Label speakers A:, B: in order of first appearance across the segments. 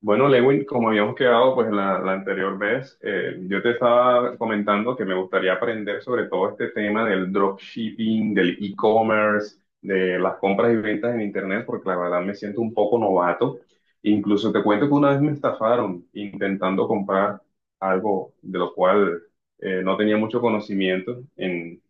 A: Bueno, Lewin, como habíamos quedado pues la anterior vez, yo te estaba comentando que me gustaría aprender sobre todo este tema del dropshipping, del e-commerce, de las compras y ventas en internet, porque la verdad me siento un poco novato. Incluso te cuento que una vez me estafaron intentando comprar algo de lo cual no tenía mucho conocimiento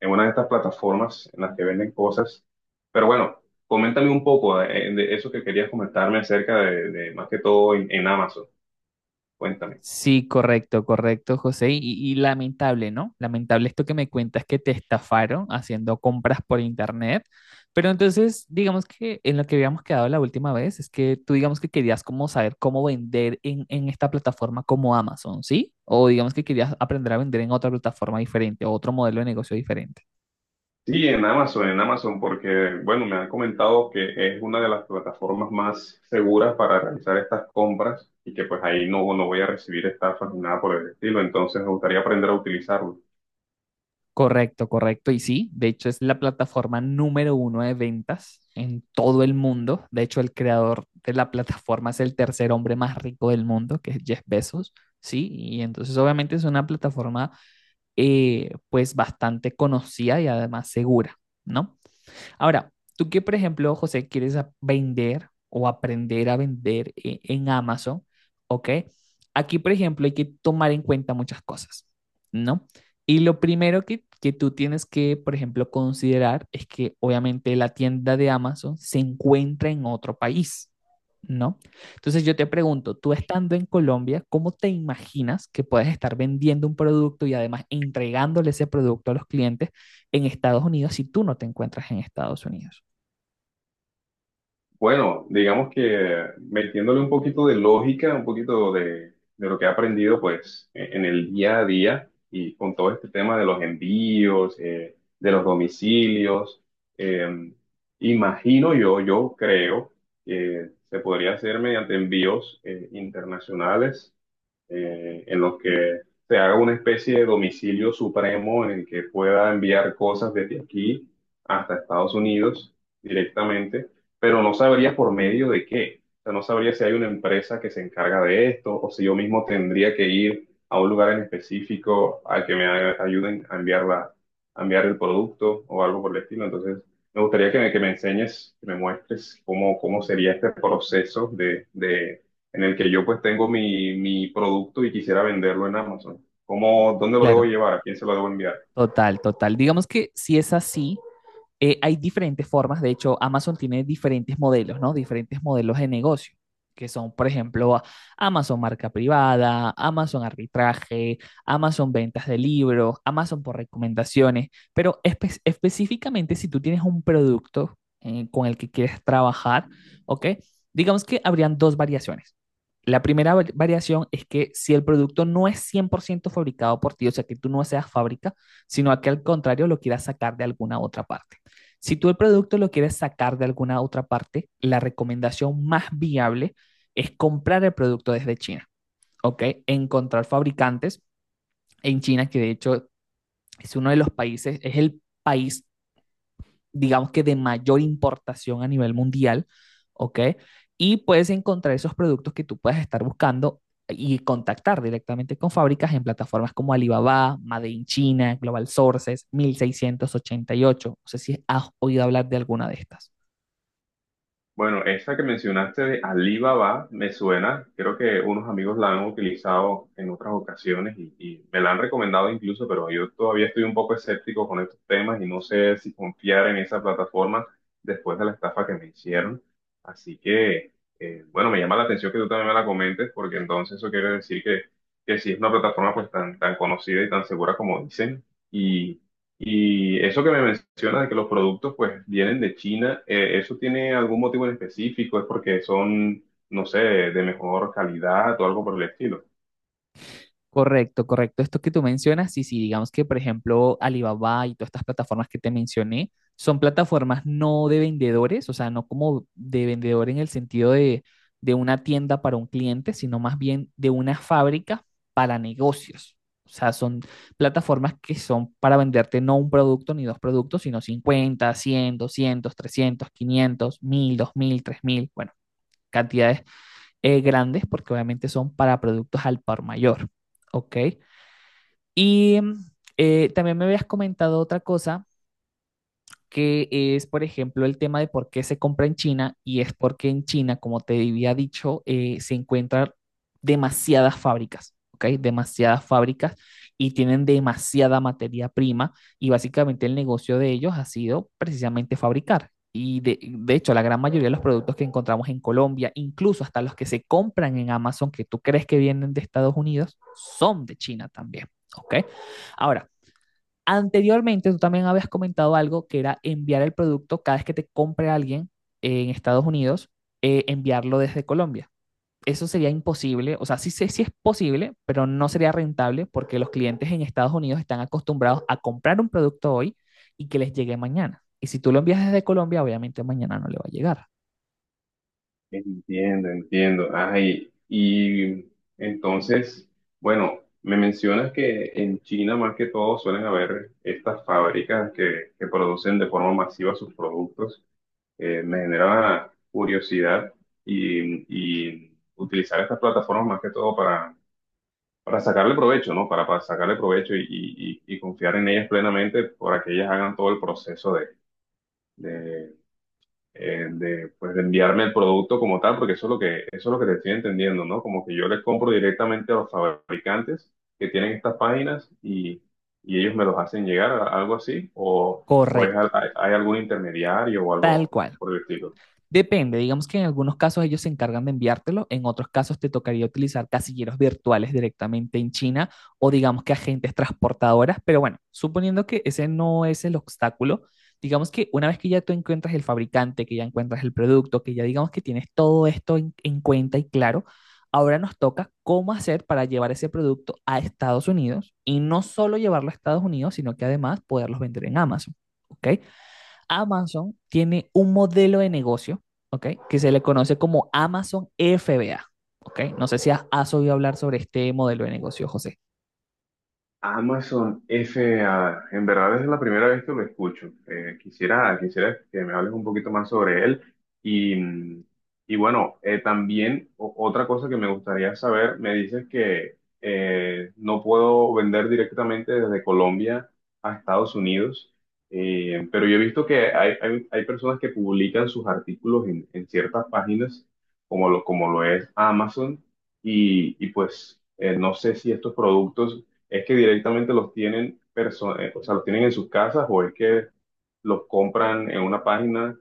A: en una de estas plataformas en las que venden cosas. Pero bueno, coméntame un poco eso que querías comentarme acerca de más que todo en Amazon. Cuéntame.
B: Sí, correcto, correcto, José. Y lamentable, ¿no? Lamentable esto que me cuentas que te estafaron haciendo compras por internet. Pero entonces, digamos que en lo que habíamos quedado la última vez es que tú digamos que querías como saber cómo vender en esta plataforma como Amazon, ¿sí? O digamos que querías aprender a vender en otra plataforma diferente o otro modelo de negocio diferente.
A: Sí, en Amazon, porque bueno, me han comentado que es una de las plataformas más seguras para realizar estas compras y que pues ahí no, no voy a recibir estafas ni nada por el estilo, entonces me gustaría aprender a utilizarlo.
B: Correcto, correcto. Y sí, de hecho es la plataforma número uno de ventas en todo el mundo. De hecho, el creador de la plataforma es el tercer hombre más rico del mundo, que es Jeff Bezos. Sí, y entonces obviamente es una plataforma pues bastante conocida y además segura, ¿no? Ahora, tú que, por ejemplo, José, quieres vender o aprender a vender en Amazon, ¿ok? Aquí, por ejemplo, hay que tomar en cuenta muchas cosas, ¿no? Y lo primero que tú tienes que, por ejemplo, considerar es que obviamente la tienda de Amazon se encuentra en otro país, ¿no? Entonces yo te pregunto, tú estando en Colombia, ¿cómo te imaginas que puedes estar vendiendo un producto y además entregándole ese producto a los clientes en Estados Unidos si tú no te encuentras en Estados Unidos?
A: Bueno, digamos que metiéndole un poquito de lógica, un poquito de lo que he aprendido pues en el día a día y con todo este tema de los envíos, de los domicilios, eh, imagino yo, yo creo que se podría hacer mediante envíos internacionales en los que se haga una especie de domicilio supremo en el que pueda enviar cosas desde aquí hasta Estados Unidos directamente, pero no sabría por medio de qué. O sea, no sabría si hay una empresa que se encarga de esto o si yo mismo tendría que ir a un lugar en específico al que ayuden a enviar a enviar el producto o algo por el estilo. Entonces, me gustaría que me enseñes, que me muestres cómo, cómo sería este proceso de en el que yo pues tengo mi producto y quisiera venderlo en Amazon. ¿Cómo, dónde lo debo
B: Claro,
A: llevar? ¿A quién se lo debo enviar?
B: total, total. Digamos que si es así, hay diferentes formas. De hecho, Amazon tiene diferentes modelos, ¿no? Diferentes modelos de negocio, que son, por ejemplo, Amazon marca privada, Amazon arbitraje, Amazon ventas de libros, Amazon por recomendaciones, pero específicamente si tú tienes un producto con el que quieres trabajar, ¿ok? Digamos que habrían dos variaciones. La primera variación es que si el producto no es 100% fabricado por ti, o sea, que tú no seas fábrica, sino que al contrario lo quieras sacar de alguna otra parte. Si tú el producto lo quieres sacar de alguna otra parte, la recomendación más viable es comprar el producto desde China, ¿ok? Encontrar fabricantes en China, que de hecho es uno de los países, es el país, digamos que de mayor importación a nivel mundial, ¿ok? Y puedes encontrar esos productos que tú puedas estar buscando y contactar directamente con fábricas en plataformas como Alibaba, Made in China, Global Sources, 1688. No sé si has oído hablar de alguna de estas.
A: Bueno, esa que mencionaste de Alibaba me suena, creo que unos amigos la han utilizado en otras ocasiones y me la han recomendado incluso, pero yo todavía estoy un poco escéptico con estos temas y no sé si confiar en esa plataforma después de la estafa que me hicieron. Así que, bueno, me llama la atención que tú también me la comentes porque entonces eso quiere decir que sí es una plataforma pues tan conocida y tan segura como dicen y eso que me mencionas de que los productos pues vienen de China, ¿eso tiene algún motivo en específico? ¿Es porque son, no sé, de mejor calidad o algo por el estilo?
B: Correcto, correcto. Esto que tú mencionas, sí, sí, digamos que, por ejemplo, Alibaba y todas estas plataformas que te mencioné son plataformas no de vendedores, o sea, no como de vendedor en el sentido de una tienda para un cliente, sino más bien de una fábrica para negocios. O sea, son plataformas que son para venderte no un producto ni dos productos, sino 50, 300, 500, 1000, 2000, 3000, bueno, cantidades grandes, porque obviamente son para productos al por mayor. ¿Ok? Y también me habías comentado otra cosa, que es, por ejemplo, el tema de por qué se compra en China, y es porque en China, como te había dicho, se encuentran demasiadas fábricas, ¿ok? Demasiadas fábricas y tienen demasiada materia prima, y básicamente el negocio de ellos ha sido precisamente fabricar. Y de hecho, la gran mayoría de los productos que encontramos en Colombia, incluso hasta los que se compran en Amazon, que tú crees que vienen de Estados Unidos, son de China también, ¿ok? Ahora, anteriormente, tú también habías comentado algo que era enviar el producto cada vez que te compre alguien en Estados Unidos, enviarlo desde Colombia. Eso sería imposible, o sea, sí, sé sí es posible, pero no sería rentable porque los clientes en Estados Unidos están acostumbrados a comprar un producto hoy y que les llegue mañana. Y si tú lo envías desde Colombia, obviamente mañana no le va a llegar.
A: Entiendo, entiendo. Ay, y entonces, bueno, me mencionas que en China más que todo suelen haber estas fábricas que producen de forma masiva sus productos. Me genera curiosidad y utilizar estas plataformas más que todo para sacarle provecho, ¿no? Para sacarle provecho y, y confiar en ellas plenamente para que ellas hagan todo el proceso de, de pues, de enviarme el producto como tal, porque eso es lo que, eso es lo que te estoy entendiendo, ¿no? Como que yo les compro directamente a los fabricantes que tienen estas páginas y ellos me los hacen llegar, algo así,
B: Correcto,
A: hay, hay algún intermediario o
B: tal
A: algo
B: cual.
A: por el estilo.
B: Depende, digamos que en algunos casos ellos se encargan de enviártelo, en otros casos te tocaría utilizar casilleros virtuales directamente en China o digamos que agentes transportadoras, pero bueno, suponiendo que ese no es el obstáculo, digamos que una vez que ya tú encuentras el fabricante, que ya encuentras el producto, que ya digamos que tienes todo esto en cuenta y claro, ahora nos toca cómo hacer para llevar ese producto a Estados Unidos y no solo llevarlo a Estados Unidos, sino que además poderlos vender en Amazon. ¿Ok? Amazon tiene un modelo de negocio, ¿ok?, que se le conoce como Amazon FBA, ¿ok? No sé si has oído hablar sobre este modelo de negocio, José.
A: Amazon FAA, en verdad es la primera vez que lo escucho. Quisiera, quisiera que me hables un poquito más sobre él. Y, y bueno, también otra cosa que me gustaría saber, me dices que no puedo vender directamente desde Colombia a Estados Unidos. Pero yo he visto que hay personas que publican sus artículos en ciertas páginas, como lo es Amazon, y pues no sé si estos productos. ¿Es que directamente los tienen o sea, los tienen en sus casas o es que los compran en una página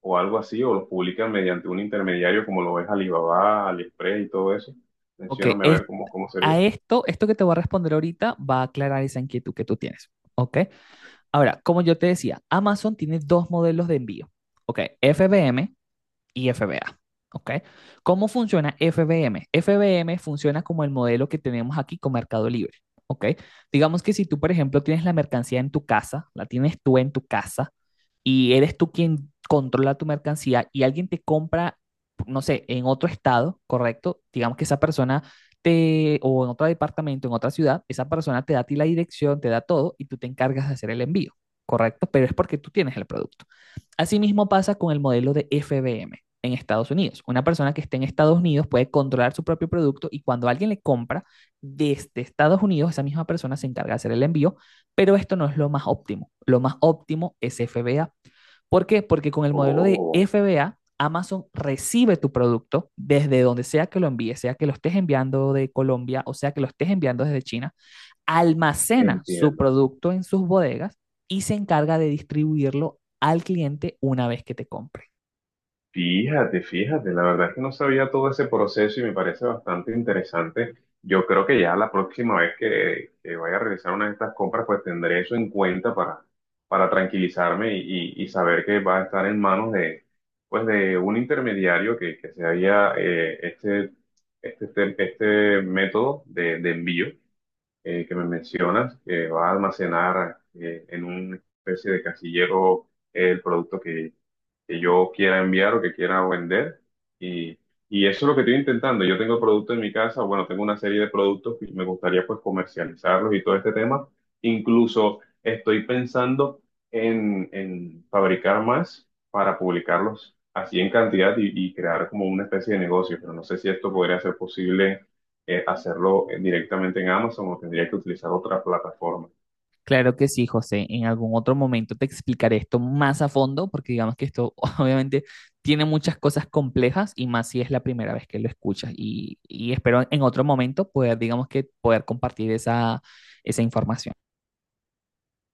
A: o algo así o los publican mediante un intermediario como lo es Alibaba, AliExpress y todo eso?
B: Ok,
A: Mencióname a
B: es,
A: ver cómo, cómo
B: a
A: sería.
B: esto, esto que te voy a responder ahorita va a aclarar esa inquietud que tú tienes, ¿ok? Ahora, como yo te decía, Amazon tiene dos modelos de envío, ¿ok? FBM y FBA. ¿Ok? ¿Cómo funciona FBM? FBM funciona como el modelo que tenemos aquí con Mercado Libre. ¿Ok? Digamos que si tú, por ejemplo, tienes la mercancía en tu casa, la tienes tú en tu casa y eres tú quien controla tu mercancía y alguien te compra, no sé, en otro estado, ¿correcto? Digamos que esa persona te, o en otro departamento, en otra ciudad, esa persona te da a ti la dirección, te da todo y tú te encargas de hacer el envío, ¿correcto? Pero es porque tú tienes el producto. Asimismo pasa con el modelo de FBM en Estados Unidos. Una persona que esté en Estados Unidos puede controlar su propio producto y cuando alguien le compra desde Estados Unidos, esa misma persona se encarga de hacer el envío, pero esto no es lo más óptimo. Lo más óptimo es FBA. ¿Por qué? Porque con el modelo de
A: Oh,
B: FBA, Amazon recibe tu producto desde donde sea que lo envíes, sea que lo estés enviando de Colombia o sea que lo estés enviando desde China, almacena su
A: entiendo.
B: producto en sus bodegas y se encarga de distribuirlo al cliente una vez que te compre.
A: Fíjate, fíjate, la verdad es que no sabía todo ese proceso y me parece bastante interesante. Yo creo que ya la próxima vez que vaya a realizar una de estas compras, pues tendré eso en cuenta para tranquilizarme y, y saber que va a estar en manos de, pues de un intermediario que se haga este método de envío que me mencionas, que va a almacenar en una especie de casillero el producto que yo quiera enviar o que quiera vender. Y, y eso es lo que estoy intentando. Yo tengo productos en mi casa, bueno, tengo una serie de productos que me gustaría pues comercializarlos y todo este tema. Incluso estoy pensando en fabricar más para publicarlos así en cantidad y crear como una especie de negocio, pero no sé si esto podría ser posible hacerlo directamente en Amazon o tendría que utilizar otra plataforma.
B: Claro que sí, José. En algún otro momento te explicaré esto más a fondo, porque digamos que esto obviamente tiene muchas cosas complejas y más si es la primera vez que lo escuchas. Y espero en otro momento poder, digamos que, poder compartir esa, esa información.